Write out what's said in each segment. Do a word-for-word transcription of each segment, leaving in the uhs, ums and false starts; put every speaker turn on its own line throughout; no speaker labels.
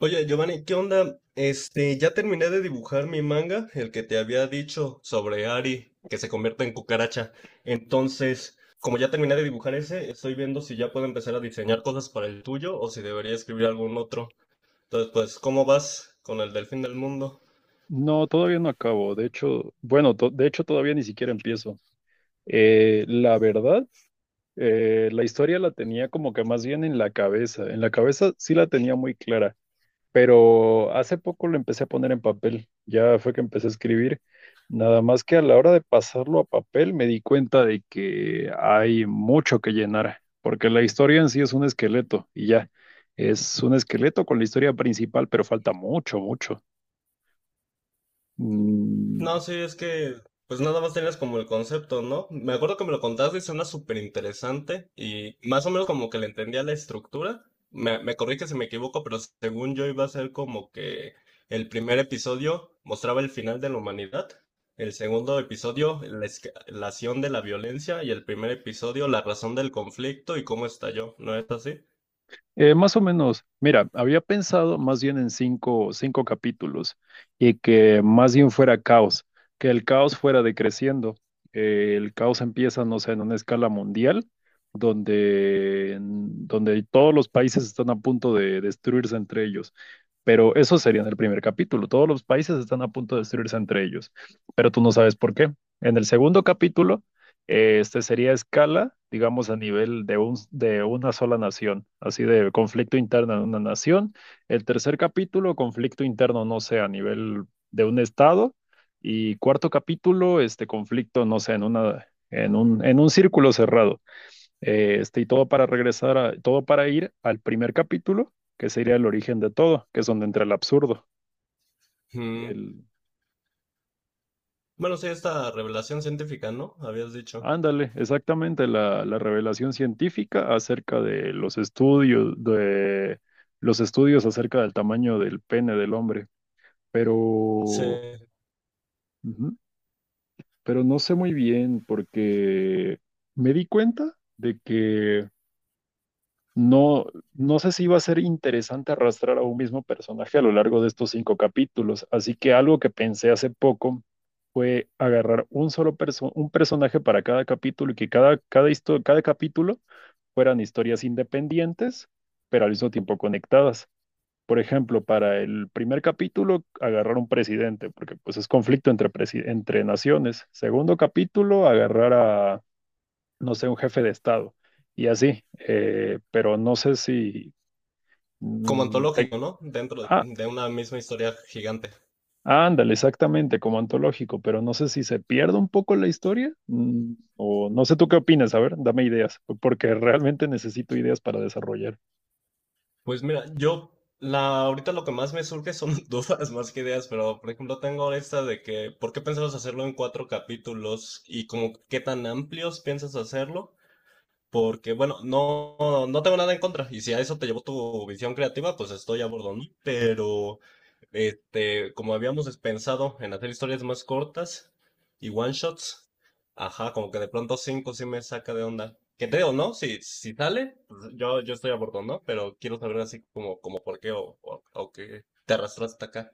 Oye, Giovanni, ¿qué onda? Este, ya terminé de dibujar mi manga, el que te había dicho sobre Ari, que se convierte en cucaracha. Entonces, como ya terminé de dibujar ese, estoy viendo si ya puedo empezar a diseñar cosas para el tuyo o si debería escribir algún otro. Entonces, pues, ¿cómo vas con el del fin del mundo?
No, todavía no acabo. De hecho, bueno, to- de hecho todavía ni siquiera empiezo. Eh, la verdad, eh, la historia la tenía como que más bien en la cabeza. En la cabeza sí la tenía muy clara. Pero hace poco lo empecé a poner en papel, ya fue que empecé a escribir, nada más que a la hora de pasarlo a papel me di cuenta de que hay mucho que llenar, porque la historia en sí es un esqueleto y ya, es un esqueleto con la historia principal, pero falta mucho, mucho. Mm,
No, sí, es que pues nada más tenías como el concepto, ¿no? Me acuerdo que me lo contaste y suena súper interesante y más o menos como que le entendía la estructura. Me, me corrige si me equivoco, pero según yo iba a ser como que el primer episodio mostraba el final de la humanidad, el segundo episodio la escalación de la violencia y el primer episodio la razón del conflicto y cómo estalló, ¿no es así?
Eh, más o menos, mira, había pensado más bien en cinco, cinco capítulos y que más bien fuera caos, que el caos fuera decreciendo. Eh, el caos empieza, no sé, en una escala mundial, donde, mm, donde todos los países están a punto de destruirse entre ellos. Pero eso sería en el primer capítulo, todos los países están a punto de destruirse entre ellos, pero tú no sabes por qué. En el segundo capítulo, eh, este sería escala, digamos, a nivel de, un, de una sola nación, así de conflicto interno en una nación. El tercer capítulo, conflicto interno, no sé, a nivel de un estado. Y cuarto capítulo, este conflicto, no sé, en una, en un, en un círculo cerrado. Eh, este, y todo para regresar a, todo para ir al primer capítulo, que sería el origen de todo, que es donde entra el absurdo.
Mm.
El,
Bueno, sí, esta revelación científica, ¿no? Habías dicho.
Ándale, exactamente la, la revelación científica acerca de los estudios, de los estudios acerca del tamaño del pene del hombre. Pero,
Sí.
ujú, pero no sé muy bien porque me di cuenta de que No, no sé si iba a ser interesante arrastrar a un mismo personaje a lo largo de estos cinco capítulos, así que algo que pensé hace poco fue agarrar un solo perso- un personaje para cada capítulo y que cada, cada, histo- cada capítulo fueran historias independientes, pero al mismo tiempo conectadas. Por ejemplo, para el primer capítulo, agarrar un presidente, porque pues es conflicto entre, presi- entre naciones. Segundo capítulo, agarrar, no sé, un jefe de Estado. Y así, eh, pero no sé si...
Como
mm, te-
antológico, ¿no? Dentro
ah,
de una misma historia gigante.
ah, Ándale, exactamente, como antológico, pero no sé si se pierde un poco la historia mm, o no sé tú qué opinas. A ver, dame ideas, porque realmente necesito ideas para desarrollar.
Pues mira, yo la, ahorita lo que más me surge son dudas más que ideas, pero por ejemplo tengo esta de que, ¿por qué pensabas hacerlo en cuatro capítulos? Y como, ¿qué tan amplios piensas hacerlo? Porque, bueno, no, no tengo nada en contra. Y si a eso te llevó tu visión creativa, pues estoy a bordo, ¿no? Pero, este, como habíamos pensado en hacer historias más cortas y one shots, ajá, como que de pronto cinco sí me saca de onda. Que te digo, ¿no? Si, si sale, pues yo, yo estoy a bordo, ¿no? Pero quiero saber así como, como por qué o, o, o qué te arrastraste hasta acá.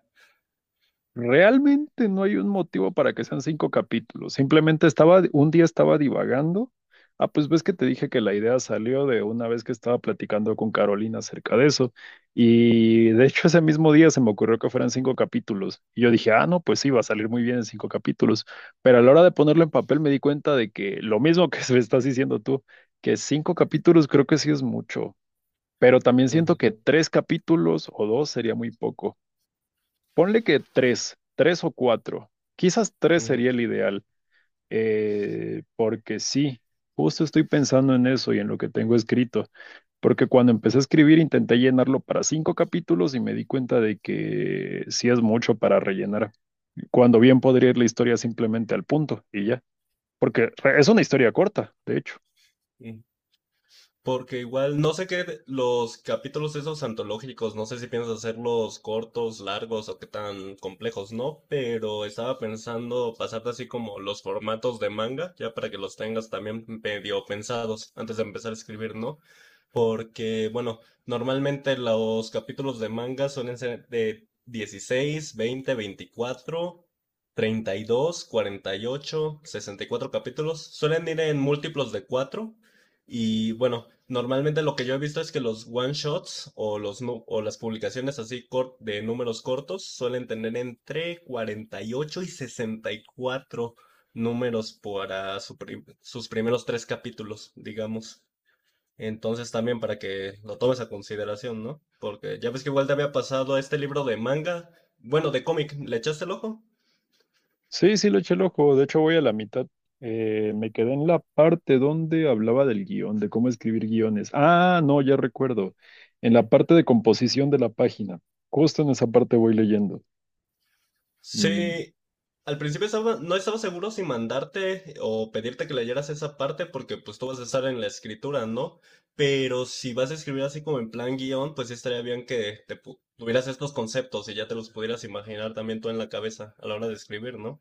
Realmente no hay un motivo para que sean cinco capítulos. Simplemente estaba, un día estaba divagando. Ah, pues ves que te dije que la idea salió de una vez que estaba platicando con Carolina acerca de eso. Y de hecho ese mismo día se me ocurrió que fueran cinco capítulos. Y yo dije, ah, no, pues sí, va a salir muy bien en cinco capítulos. Pero a la hora de ponerlo en papel me di cuenta de que lo mismo que se estás diciendo tú, que cinco capítulos creo que sí es mucho. Pero también siento
Ujú,
que tres capítulos o dos sería muy poco. Ponle que tres, tres o cuatro. Quizás tres
ujú,
sería el ideal, eh, porque sí, justo estoy pensando en eso y en lo que tengo escrito, porque cuando empecé a escribir intenté llenarlo para cinco capítulos y me di cuenta de que sí es mucho para rellenar, cuando bien podría ir la historia simplemente al punto y ya, porque re- es una historia corta, de hecho.
ujú. Porque igual, no sé qué, los capítulos esos antológicos, no sé si piensas hacerlos cortos, largos o qué tan complejos, ¿no? Pero estaba pensando pasarte así como los formatos de manga, ya para que los tengas también medio pensados antes de empezar a escribir, ¿no? Porque, bueno, normalmente los capítulos de manga suelen ser de dieciséis veinte veinticuatro treinta y dos cuarenta y ocho sesenta y cuatro capítulos. Suelen ir en múltiplos de cuatro y bueno, normalmente lo que yo he visto es que los one shots o, los, nu- o las publicaciones así cor- de números cortos suelen tener entre cuarenta y ocho y y sesenta y cuatro números para su prim- sus primeros tres capítulos, digamos. Entonces también para que lo tomes a consideración, ¿no? Porque ya ves que igual te había pasado este libro de manga, bueno, de cómic, ¿le echaste el ojo?
Sí, sí, le eché el ojo. De hecho, voy a la mitad. Eh, me quedé en la parte donde hablaba del guión, de cómo escribir guiones. Ah, no, ya recuerdo. En la parte de composición de la página. Justo en esa parte voy leyendo. Mm.
Sí, al principio estaba- no estaba seguro si mandarte o pedirte que leyeras esa parte porque pues tú vas a estar en la escritura, ¿no? Pero si vas a escribir así como en plan guión, pues sí estaría bien que te pu- tuvieras estos conceptos y ya te los pudieras imaginar también tú en la cabeza a la hora de escribir, ¿no?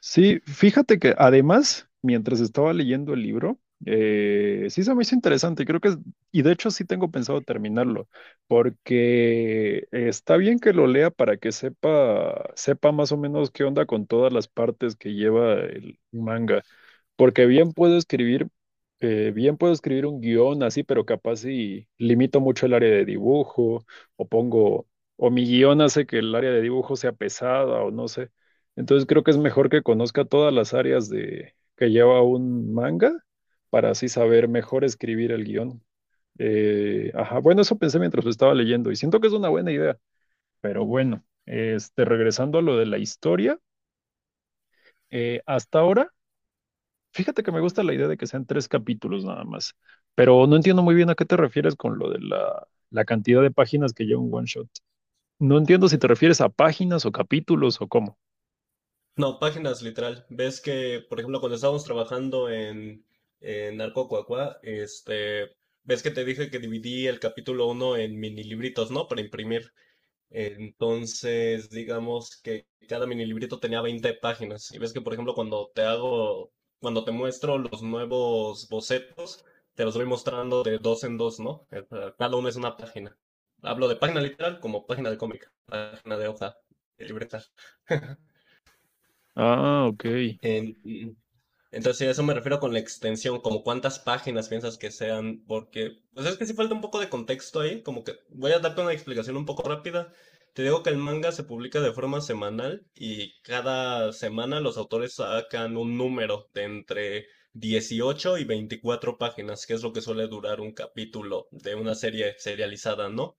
Sí, fíjate que además, mientras estaba leyendo el libro, eh, sí se me hizo interesante, creo que, es- y de hecho sí tengo pensado terminarlo, porque está bien que lo lea para que sepa, sepa más o menos qué onda con todas las partes que lleva el manga, porque bien puedo escribir, eh, bien puedo escribir un guión así, pero capaz si limito mucho el área de dibujo, o pongo, o mi guión hace que el área de dibujo sea pesada, o no sé. Entonces creo que es mejor que conozca todas las áreas de que lleva un manga para así saber mejor escribir el guión. Eh, ajá, bueno, eso pensé mientras lo estaba leyendo y siento que es una buena idea. Pero bueno, este, regresando a lo de la historia, eh, hasta ahora, fíjate que me gusta la idea de que sean tres capítulos nada más, pero no entiendo muy bien a qué te refieres con lo de la, la cantidad de páginas que lleva un one shot. No entiendo si te refieres a páginas o capítulos o cómo.
No, páginas literal. Ves que, por ejemplo, cuando estábamos trabajando en, en Narco Cuacuá, este, ves que te dije que dividí el capítulo uno en mini libritos, ¿no? Para imprimir. Entonces, digamos que cada mini librito tenía veinte páginas. Y ves que, por ejemplo, cuando te hago, cuando te muestro los nuevos bocetos, te los voy mostrando de dos en dos, ¿no? Eh, eh, Cada uno es una página. Hablo de página literal como página de cómic, página de hoja, de libreta.
Ah, ok.
Em, entonces, sí, a eso me refiero con la extensión, como cuántas páginas piensas que sean, porque, pues es que sí falta un poco de contexto ahí, como que voy a darte una explicación un poco rápida. Te digo que el manga se publica de forma semanal y cada semana los autores sacan un número de entre dieciocho y veinticuatro páginas, que es lo que suele durar un capítulo de una serie serializada, ¿no?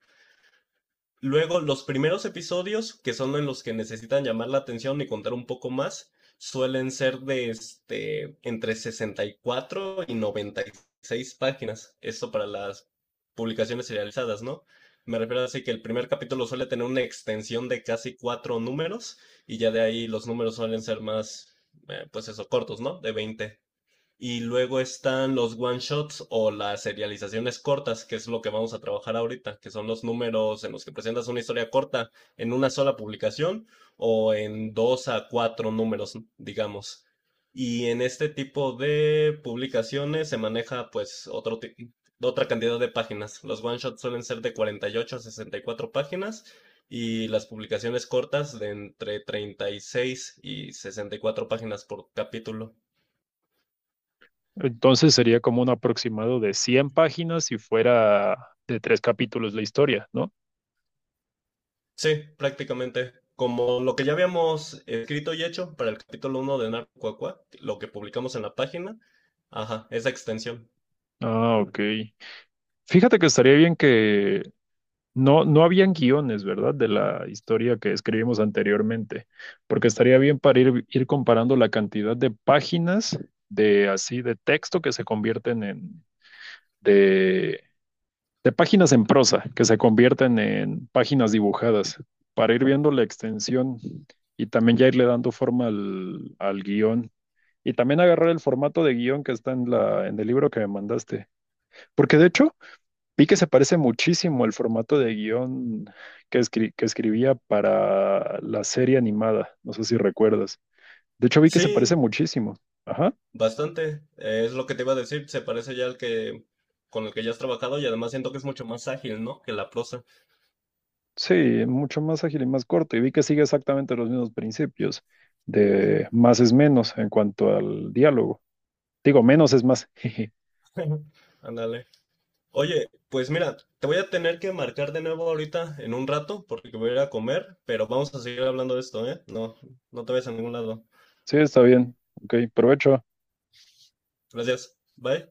Luego, los primeros episodios, que son en los que necesitan llamar la atención y contar un poco más, suelen ser de este, entre sesenta y cuatro y y noventa y seis páginas. Esto para las publicaciones serializadas, ¿no? Me refiero así que el primer capítulo suele tener una extensión de casi cuatro números y ya de ahí los números suelen ser más, eh, pues eso, cortos, ¿no? De veinte. Y luego están los one shots o las serializaciones cortas, que es lo que vamos a trabajar ahorita, que son los números en los que presentas una historia corta en una sola publicación o en dos a cuatro números, digamos. Y en este tipo de publicaciones se maneja pues otro ti- otra cantidad de páginas. Los one shots suelen ser de cuarenta y ocho a sesenta y cuatro páginas y las publicaciones cortas de entre treinta y seis y y sesenta y cuatro páginas por capítulo.
Entonces sería como un aproximado de cien páginas si fuera de tres capítulos la historia, ¿no?
Sí, prácticamente. Como lo que ya habíamos escrito y hecho para el capítulo uno de Narco Cuacuá, lo que publicamos en la página, ajá, esa extensión.
Ah, ok. Fíjate que estaría bien que, no, no habían guiones, ¿verdad? De la historia que escribimos anteriormente, porque estaría bien para ir, ir comparando la cantidad de páginas de así, de texto que se convierten en, de, de páginas en prosa, que se convierten en páginas dibujadas, para ir viendo la extensión y también ya irle dando forma al, al guión. Y también agarrar el formato de guión que está en la, en el libro que me mandaste. Porque de hecho, vi que se parece muchísimo el formato de guión que, escri- que escribía para la serie animada. No sé si recuerdas. De hecho, vi que se parece
Sí,
muchísimo. Ajá.
bastante. eh, Es lo que te iba a decir, se parece ya al que con el que ya has trabajado y además siento que es mucho más ágil, ¿no? Que la prosa.
Sí, mucho más ágil y más corto. Y vi que sigue exactamente los mismos principios de más es menos en cuanto al diálogo. Digo, menos es más.
Ándale. Oye, pues mira, te voy a tener que marcar de nuevo ahorita en un rato porque voy a ir a comer, pero vamos a seguir hablando de esto, ¿eh? No, no te vayas a ningún lado.
Sí, está bien. Ok, provecho.
Gracias. Bye.